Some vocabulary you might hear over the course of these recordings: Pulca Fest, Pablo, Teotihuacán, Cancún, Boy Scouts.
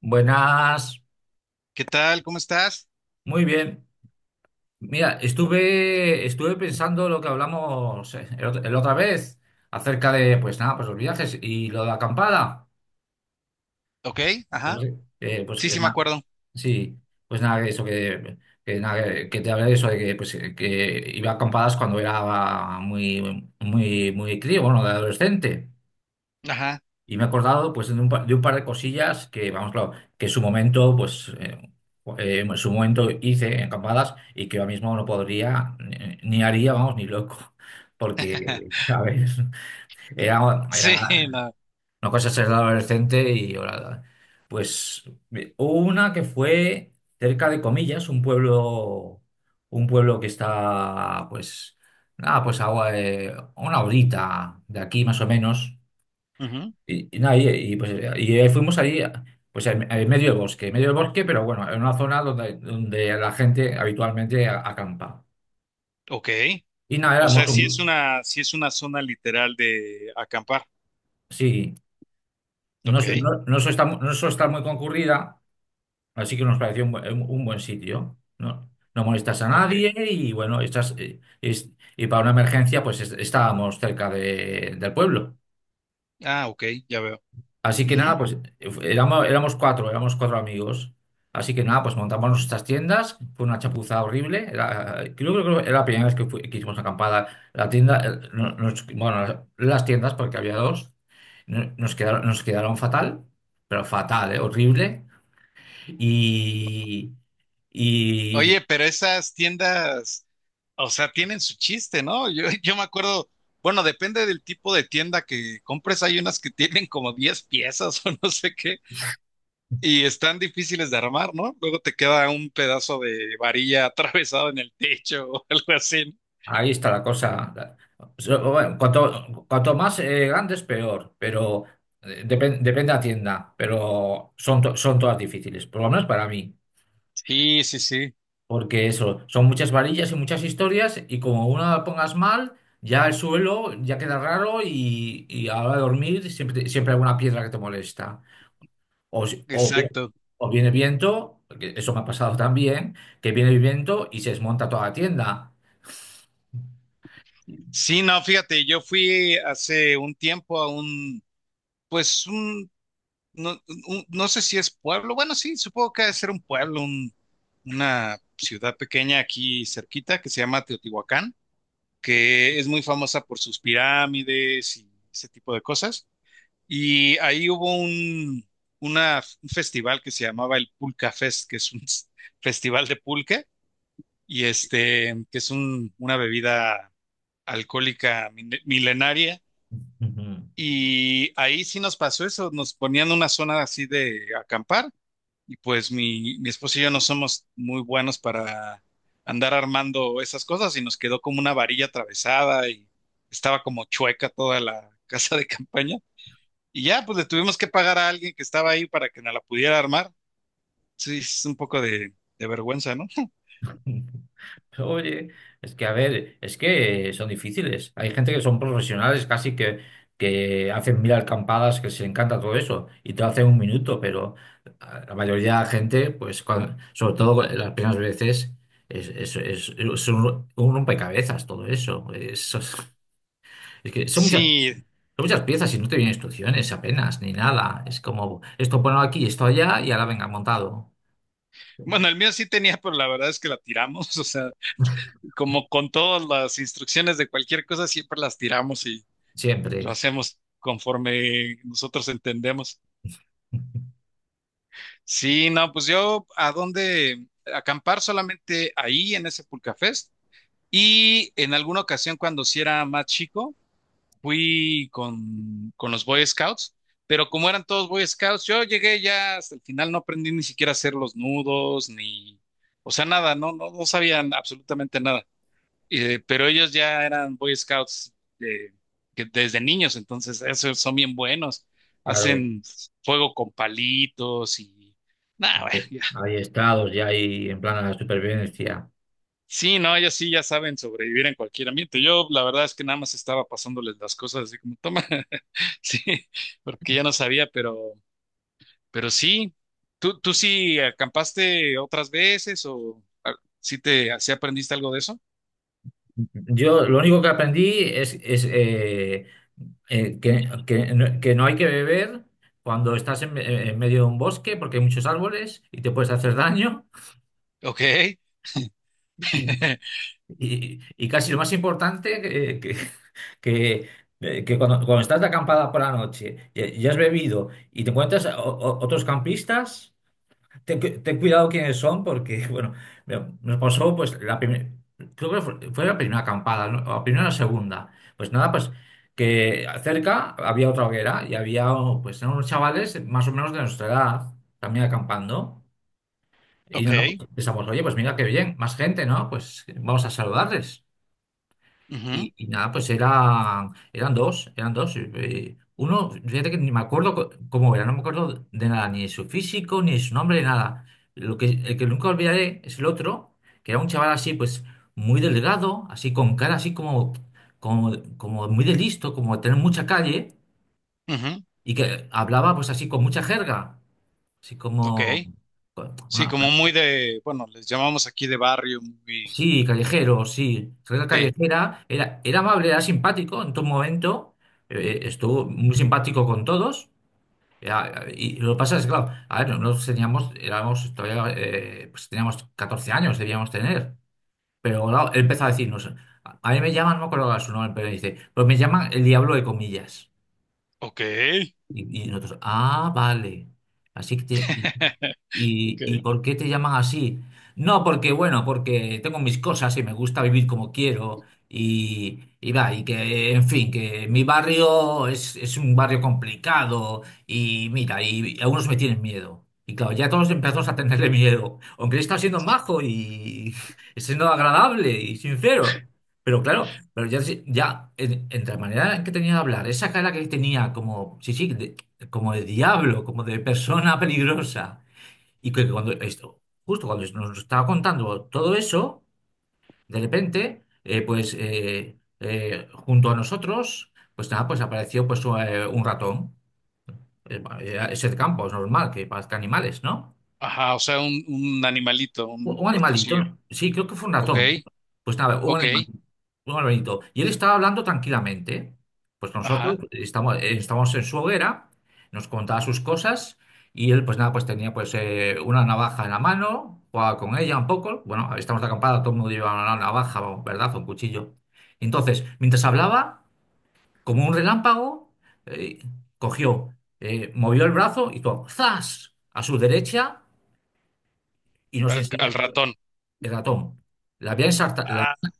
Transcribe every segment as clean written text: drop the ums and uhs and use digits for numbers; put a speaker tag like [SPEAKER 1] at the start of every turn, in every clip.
[SPEAKER 1] Buenas,
[SPEAKER 2] ¿Qué tal? ¿Cómo estás?
[SPEAKER 1] muy bien. Mira, estuve pensando lo que hablamos el otra vez acerca de, pues nada, pues los viajes y lo de la acampada.
[SPEAKER 2] Ok,
[SPEAKER 1] Pero
[SPEAKER 2] ajá.
[SPEAKER 1] sí, pues
[SPEAKER 2] Sí,
[SPEAKER 1] que
[SPEAKER 2] sí me
[SPEAKER 1] nada,
[SPEAKER 2] acuerdo.
[SPEAKER 1] sí, pues nada, que eso que nada, que te hablé de eso de que, pues, que iba a acampadas cuando era muy, muy, muy crío, bueno, de adolescente.
[SPEAKER 2] Ajá.
[SPEAKER 1] Y me he acordado pues, de un, de un par de cosillas que, vamos, claro, que en su momento, pues, en su momento hice en campadas y que ahora mismo no podría, ni haría, vamos, ni loco. Porque, a ver, era,
[SPEAKER 2] Sí,
[SPEAKER 1] era
[SPEAKER 2] no.
[SPEAKER 1] una cosa es ser adolescente y ahora, pues, hubo una que fue cerca de Comillas, un pueblo que está, pues, nada, pues, a una horita de aquí más o menos
[SPEAKER 2] Ujú.
[SPEAKER 1] y nada, y pues y ahí fuimos ahí, pues en medio del bosque, en medio del bosque, pero bueno, en una zona donde, donde la gente habitualmente acampa.
[SPEAKER 2] Ok.
[SPEAKER 1] Y nada,
[SPEAKER 2] O sea, sí es una zona literal de acampar.
[SPEAKER 1] sí, no,
[SPEAKER 2] Ok,
[SPEAKER 1] no, está, no so- está muy concurrida, así que nos pareció un, un buen sitio, ¿no? No molestas a
[SPEAKER 2] ok.
[SPEAKER 1] nadie y bueno, estás, y para una emergencia pues estábamos cerca del pueblo.
[SPEAKER 2] Ah, ok, ya veo.
[SPEAKER 1] Así que nada,
[SPEAKER 2] Ujú.
[SPEAKER 1] pues éramos cuatro amigos. Así que nada, pues montamos nuestras tiendas, fue una chapuza horrible. Era, creo que era la primera vez que, que hicimos acampada. La tienda, bueno, las tiendas, porque había dos, nos quedaron fatal, pero fatal, ¿eh? Horrible. Y, y
[SPEAKER 2] Oye, pero esas tiendas, o sea, tienen su chiste, ¿no? Yo me acuerdo, bueno, depende del tipo de tienda que compres, hay unas que tienen como 10 piezas o no sé qué. Y están difíciles de armar, ¿no? Luego te queda un pedazo de varilla atravesado en el techo o algo así.
[SPEAKER 1] Ahí está la cosa. Bueno, cuanto más grandes, peor, pero depende de la tienda, pero son, son todas difíciles, por lo menos para mí,
[SPEAKER 2] Sí, sí, sí,
[SPEAKER 1] porque eso, son muchas varillas y muchas historias y como una la pongas mal, ya el suelo ya queda raro y a la hora de dormir siempre, siempre hay una piedra que te molesta. O, o,
[SPEAKER 2] exacto.
[SPEAKER 1] o viene viento, que eso me ha pasado también, que viene el viento y se desmonta toda la tienda.
[SPEAKER 2] Sí, no, fíjate, yo fui hace un tiempo a un, pues no, un- no sé si es pueblo, bueno, sí, supongo que debe ser un pueblo, una ciudad pequeña aquí cerquita que se llama Teotihuacán, que es muy famosa por sus pirámides y ese tipo de cosas. Y ahí hubo un festival que se llamaba el Pulca Fest, que es un festival de pulque, y este, que es una bebida alcohólica milenaria.
[SPEAKER 1] Ujú.
[SPEAKER 2] Y ahí sí nos pasó eso, nos ponían una zona así de acampar, y pues mi esposo y yo no somos muy buenos para andar armando esas cosas, y nos quedó como una varilla atravesada y estaba como chueca toda la casa de campaña. Y ya, pues le tuvimos que pagar a alguien que estaba ahí para que nos la pudiera armar. Sí, es un poco de vergüenza, ¿no?
[SPEAKER 1] Oye, es que a ver, es que son difíciles. Hay gente que son profesionales casi que hacen mil alcampadas, que se le encanta todo eso, y te lo hacen un minuto, pero la mayoría de la gente, pues sobre todo las primeras veces, es un rompecabezas todo eso. Eso es que son
[SPEAKER 2] Sí.
[SPEAKER 1] muchas piezas y no te vienen instrucciones apenas, ni nada. Es como, esto ponlo aquí, esto allá, y ahora venga montado.
[SPEAKER 2] Bueno, el mío sí tenía, pero la verdad es que la tiramos. O sea, como con todas las instrucciones de cualquier cosa, siempre las tiramos y lo
[SPEAKER 1] Siempre,
[SPEAKER 2] hacemos conforme nosotros entendemos. Sí, no, pues yo a dónde acampar solamente ahí en ese Pulcafest y en alguna ocasión cuando sí era más chico fui con los Boy Scouts, pero como eran todos Boy Scouts, yo llegué ya hasta el final, no aprendí ni siquiera a hacer los nudos, ni, o sea, nada, no, no, no sabían absolutamente nada. Pero ellos ya eran Boy Scouts eh, que desde niños, entonces esos son bien buenos.
[SPEAKER 1] claro.
[SPEAKER 2] Hacen fuego con palitos y… nada bueno, ya.
[SPEAKER 1] Hay estados ya y en plan a la supervivencia.
[SPEAKER 2] Sí, no, ellos sí ya saben sobrevivir en cualquier ambiente. Yo la verdad es que nada más estaba pasándoles las cosas así como toma, sí, porque ya no sabía, pero sí, ¿tú sí acampaste otras veces o sí te sí aprendiste algo de eso?
[SPEAKER 1] Yo lo único que aprendí que no hay que beber cuando estás en, en medio de un bosque porque hay muchos árboles y te puedes hacer daño.
[SPEAKER 2] Ok,
[SPEAKER 1] Y, y casi lo más importante, que- que cuando, cuando estás de acampada por la noche y has bebido y te encuentras otros campistas. Ten, ten cuidado quiénes son porque, bueno, mira, nos pasó pues la primera, creo que fue, fue la primera acampada, ¿no? O la primera o la segunda. Pues nada, pues que cerca había otra hoguera y había pues unos chavales más o menos de nuestra edad también acampando. Y
[SPEAKER 2] ok,
[SPEAKER 1] nada, pues, pensamos, oye, pues mira qué bien, más gente, ¿no? Pues vamos a saludarles.
[SPEAKER 2] ujú,
[SPEAKER 1] Y nada, pues eran dos, eran dos. Uno, fíjate que ni me acuerdo cómo era, no me acuerdo de nada, ni de su físico, ni de su nombre, nada. Lo que, el que nunca olvidaré es el otro, que era un chaval así, pues muy delgado, así con cara así como, como muy de listo, como de tener mucha calle,
[SPEAKER 2] ujú,
[SPEAKER 1] y que hablaba pues así con mucha jerga, así
[SPEAKER 2] ok.
[SPEAKER 1] como... con
[SPEAKER 2] Sí,
[SPEAKER 1] una-
[SPEAKER 2] como muy de, bueno, les llamamos aquí de barrio, muy,
[SPEAKER 1] Sí, callejero, sí. Real
[SPEAKER 2] sí,
[SPEAKER 1] Callejera era, era amable, era simpático en todo momento. Estuvo muy simpático con todos. Y lo que pasa es, claro, a ver, éramos todavía, pues teníamos 14 años, debíamos tener. Pero claro, él empezó a decirnos, a mí me llaman, no me acuerdo ahora su nombre, pero dice, pues me llaman el diablo de comillas.
[SPEAKER 2] ok,
[SPEAKER 1] Y nosotros, ah, vale. Así que tiene-
[SPEAKER 2] ok.
[SPEAKER 1] ¿Y, y por qué te llaman así? No, porque bueno, porque tengo mis cosas y me gusta vivir como quiero y va, y que, en fin, que mi barrio es un barrio complicado y mira, y algunos me tienen miedo. Y claro, ya todos empezamos a tenerle miedo, aunque él está siendo majo y, y siendo agradable y sincero. Pero claro, pero ya, ya entre la manera en que tenía de hablar, esa cara que tenía como, sí, sí, como de diablo, como de persona peligrosa. Y que cuando esto, justo cuando nos estaba contando todo eso, de repente, pues junto a nosotros, pues nada, pues apareció pues un ratón. Era ese campo, es normal que parezca animales, ¿no?
[SPEAKER 2] Ajá, o sea, un animalito,
[SPEAKER 1] Un
[SPEAKER 2] un
[SPEAKER 1] animalito,
[SPEAKER 2] ratoncillo.
[SPEAKER 1] ¿no? Sí, creo que fue un
[SPEAKER 2] Ok,
[SPEAKER 1] ratón. Pues nada, un Sí.
[SPEAKER 2] ok,
[SPEAKER 1] animalito, un animalito. Y él estaba hablando tranquilamente. Pues nosotros
[SPEAKER 2] ajá,
[SPEAKER 1] estamos, estábamos en su hoguera, nos contaba sus cosas y él pues nada, pues tenía pues una navaja en la mano, jugaba con ella un poco. Bueno, estamos de acampada, todo el mundo lleva una navaja, ¿verdad? O un cuchillo. Entonces, mientras hablaba, como un relámpago, eh, cogió, movió el brazo y todo, ¡zas! A su derecha y nos
[SPEAKER 2] al,
[SPEAKER 1] enseñó
[SPEAKER 2] al ratón.
[SPEAKER 1] el ratón. La había
[SPEAKER 2] Ah,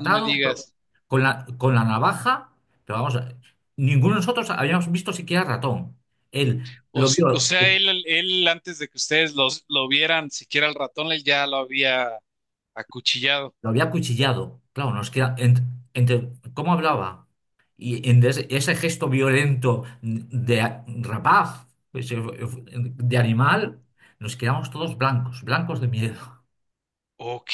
[SPEAKER 2] no me
[SPEAKER 1] pero
[SPEAKER 2] digas.
[SPEAKER 1] con la navaja, pero vamos, a ninguno de nosotros habíamos visto siquiera ratón. Él
[SPEAKER 2] O,
[SPEAKER 1] lo
[SPEAKER 2] o
[SPEAKER 1] vio,
[SPEAKER 2] sea, él antes de que ustedes lo vieran, siquiera al ratón, él ya lo había acuchillado.
[SPEAKER 1] lo había acuchillado. Claro, nos queda en- entre cómo hablaba y en ese, ese gesto violento de rapaz, pues, de animal, nos quedamos todos blancos, blancos de miedo.
[SPEAKER 2] Ok.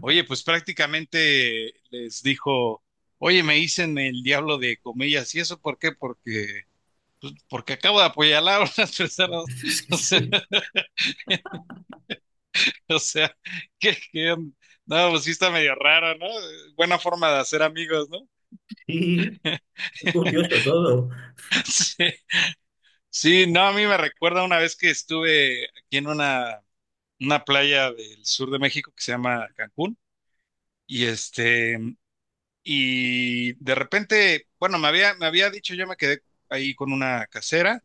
[SPEAKER 2] Oye, pues prácticamente les dijo, oye, me dicen el diablo de comillas. ¿Y eso por qué? Porque, porque acabo de apuñalar a unas personas.
[SPEAKER 1] Sí,
[SPEAKER 2] O sea,
[SPEAKER 1] sí,
[SPEAKER 2] o sea, que, que- no, pues sí está medio raro, ¿no? Buena forma de hacer amigos, ¿no?
[SPEAKER 1] sí. Curioso todo.
[SPEAKER 2] Sí, sí, no, a mí me recuerda una vez que estuve aquí en una playa del sur de México que se llama Cancún. Y este, y de repente, bueno, me había dicho, yo me quedé ahí con una casera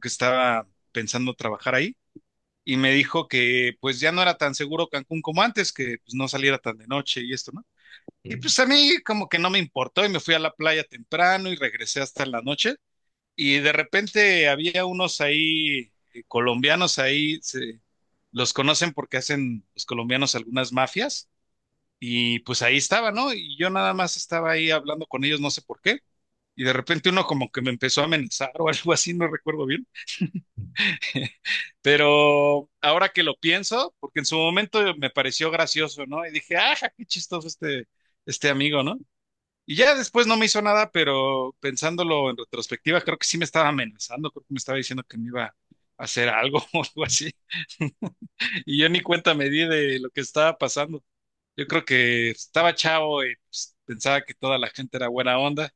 [SPEAKER 2] que estaba pensando trabajar ahí y me dijo que pues ya no era tan seguro Cancún como antes, que pues, no saliera tan de noche y esto, ¿no? Y pues a mí como que no me importó y me fui a la playa temprano y regresé hasta la noche y de repente había unos ahí colombianos ahí, los conocen porque hacen los colombianos algunas mafias y pues ahí estaba, ¿no? Y yo nada más estaba ahí hablando con ellos, no sé por qué. Y de repente uno como que me empezó a amenazar o algo así, no recuerdo bien. Pero ahora que lo pienso, porque en su momento me pareció gracioso, ¿no? Y dije, ah, qué chistoso este, este amigo, ¿no? Y ya después no me hizo nada, pero pensándolo en retrospectiva, creo que sí me estaba amenazando, creo que me estaba diciendo que me iba a hacer algo o algo así. Y yo ni cuenta me di de lo que estaba pasando. Yo creo que estaba chavo y pues, pensaba que toda la gente era buena onda.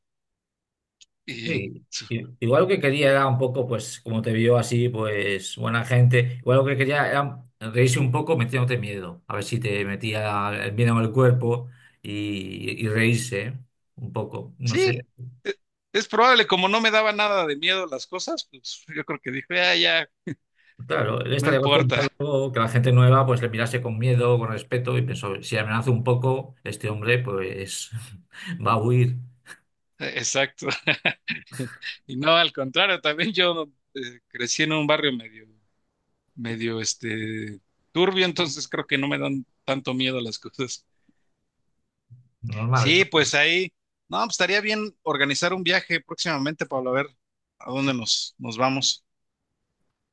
[SPEAKER 2] Y
[SPEAKER 1] Sí, igual lo que quería era un poco, pues, como te vio así, pues, buena gente, igual lo que quería era reírse un poco metiéndote miedo, a ver si te metía el miedo en el cuerpo y reírse un poco, no
[SPEAKER 2] sí,
[SPEAKER 1] sé.
[SPEAKER 2] e- es probable, como no me daba nada de miedo las cosas, pues yo creo que dije, ah, ya,
[SPEAKER 1] Claro, él
[SPEAKER 2] no
[SPEAKER 1] estaría
[SPEAKER 2] importa.
[SPEAKER 1] acostumbrado que la gente nueva, pues, le mirase con miedo, con respeto y pensó, si amenazo un poco, este hombre, pues, va a huir.
[SPEAKER 2] Exacto. Y no, al contrario, también yo crecí en un barrio medio, medio, este, turbio, entonces creo que no me dan tanto miedo las cosas.
[SPEAKER 1] Normal,
[SPEAKER 2] Sí, pues ahí, no, pues, estaría bien organizar un viaje próximamente, Pablo, a ver a dónde nos vamos.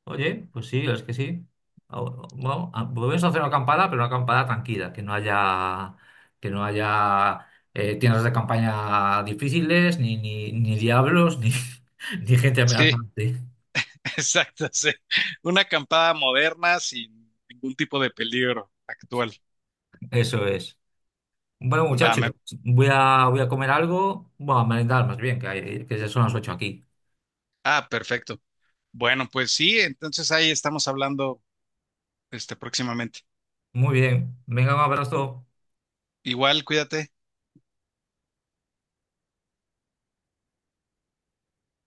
[SPEAKER 1] oye, pues sí, es que sí. Ahora, volvemos a hacer una acampada, pero una acampada tranquila, que no haya tiendas de campaña difíciles, ni, ni, ni diablos, ni, ni gente
[SPEAKER 2] Sí.
[SPEAKER 1] amenazante.
[SPEAKER 2] Exacto, sí. Una acampada moderna sin ningún tipo de peligro actual.
[SPEAKER 1] Eso es. Bueno,
[SPEAKER 2] Va,
[SPEAKER 1] muchachos, voy a comer algo. Bueno, a merendar más bien, que, que ya son las 8 aquí.
[SPEAKER 2] ah, perfecto. Bueno, pues sí, entonces ahí estamos hablando este próximamente.
[SPEAKER 1] Muy bien. Venga, un abrazo.
[SPEAKER 2] Igual, cuídate.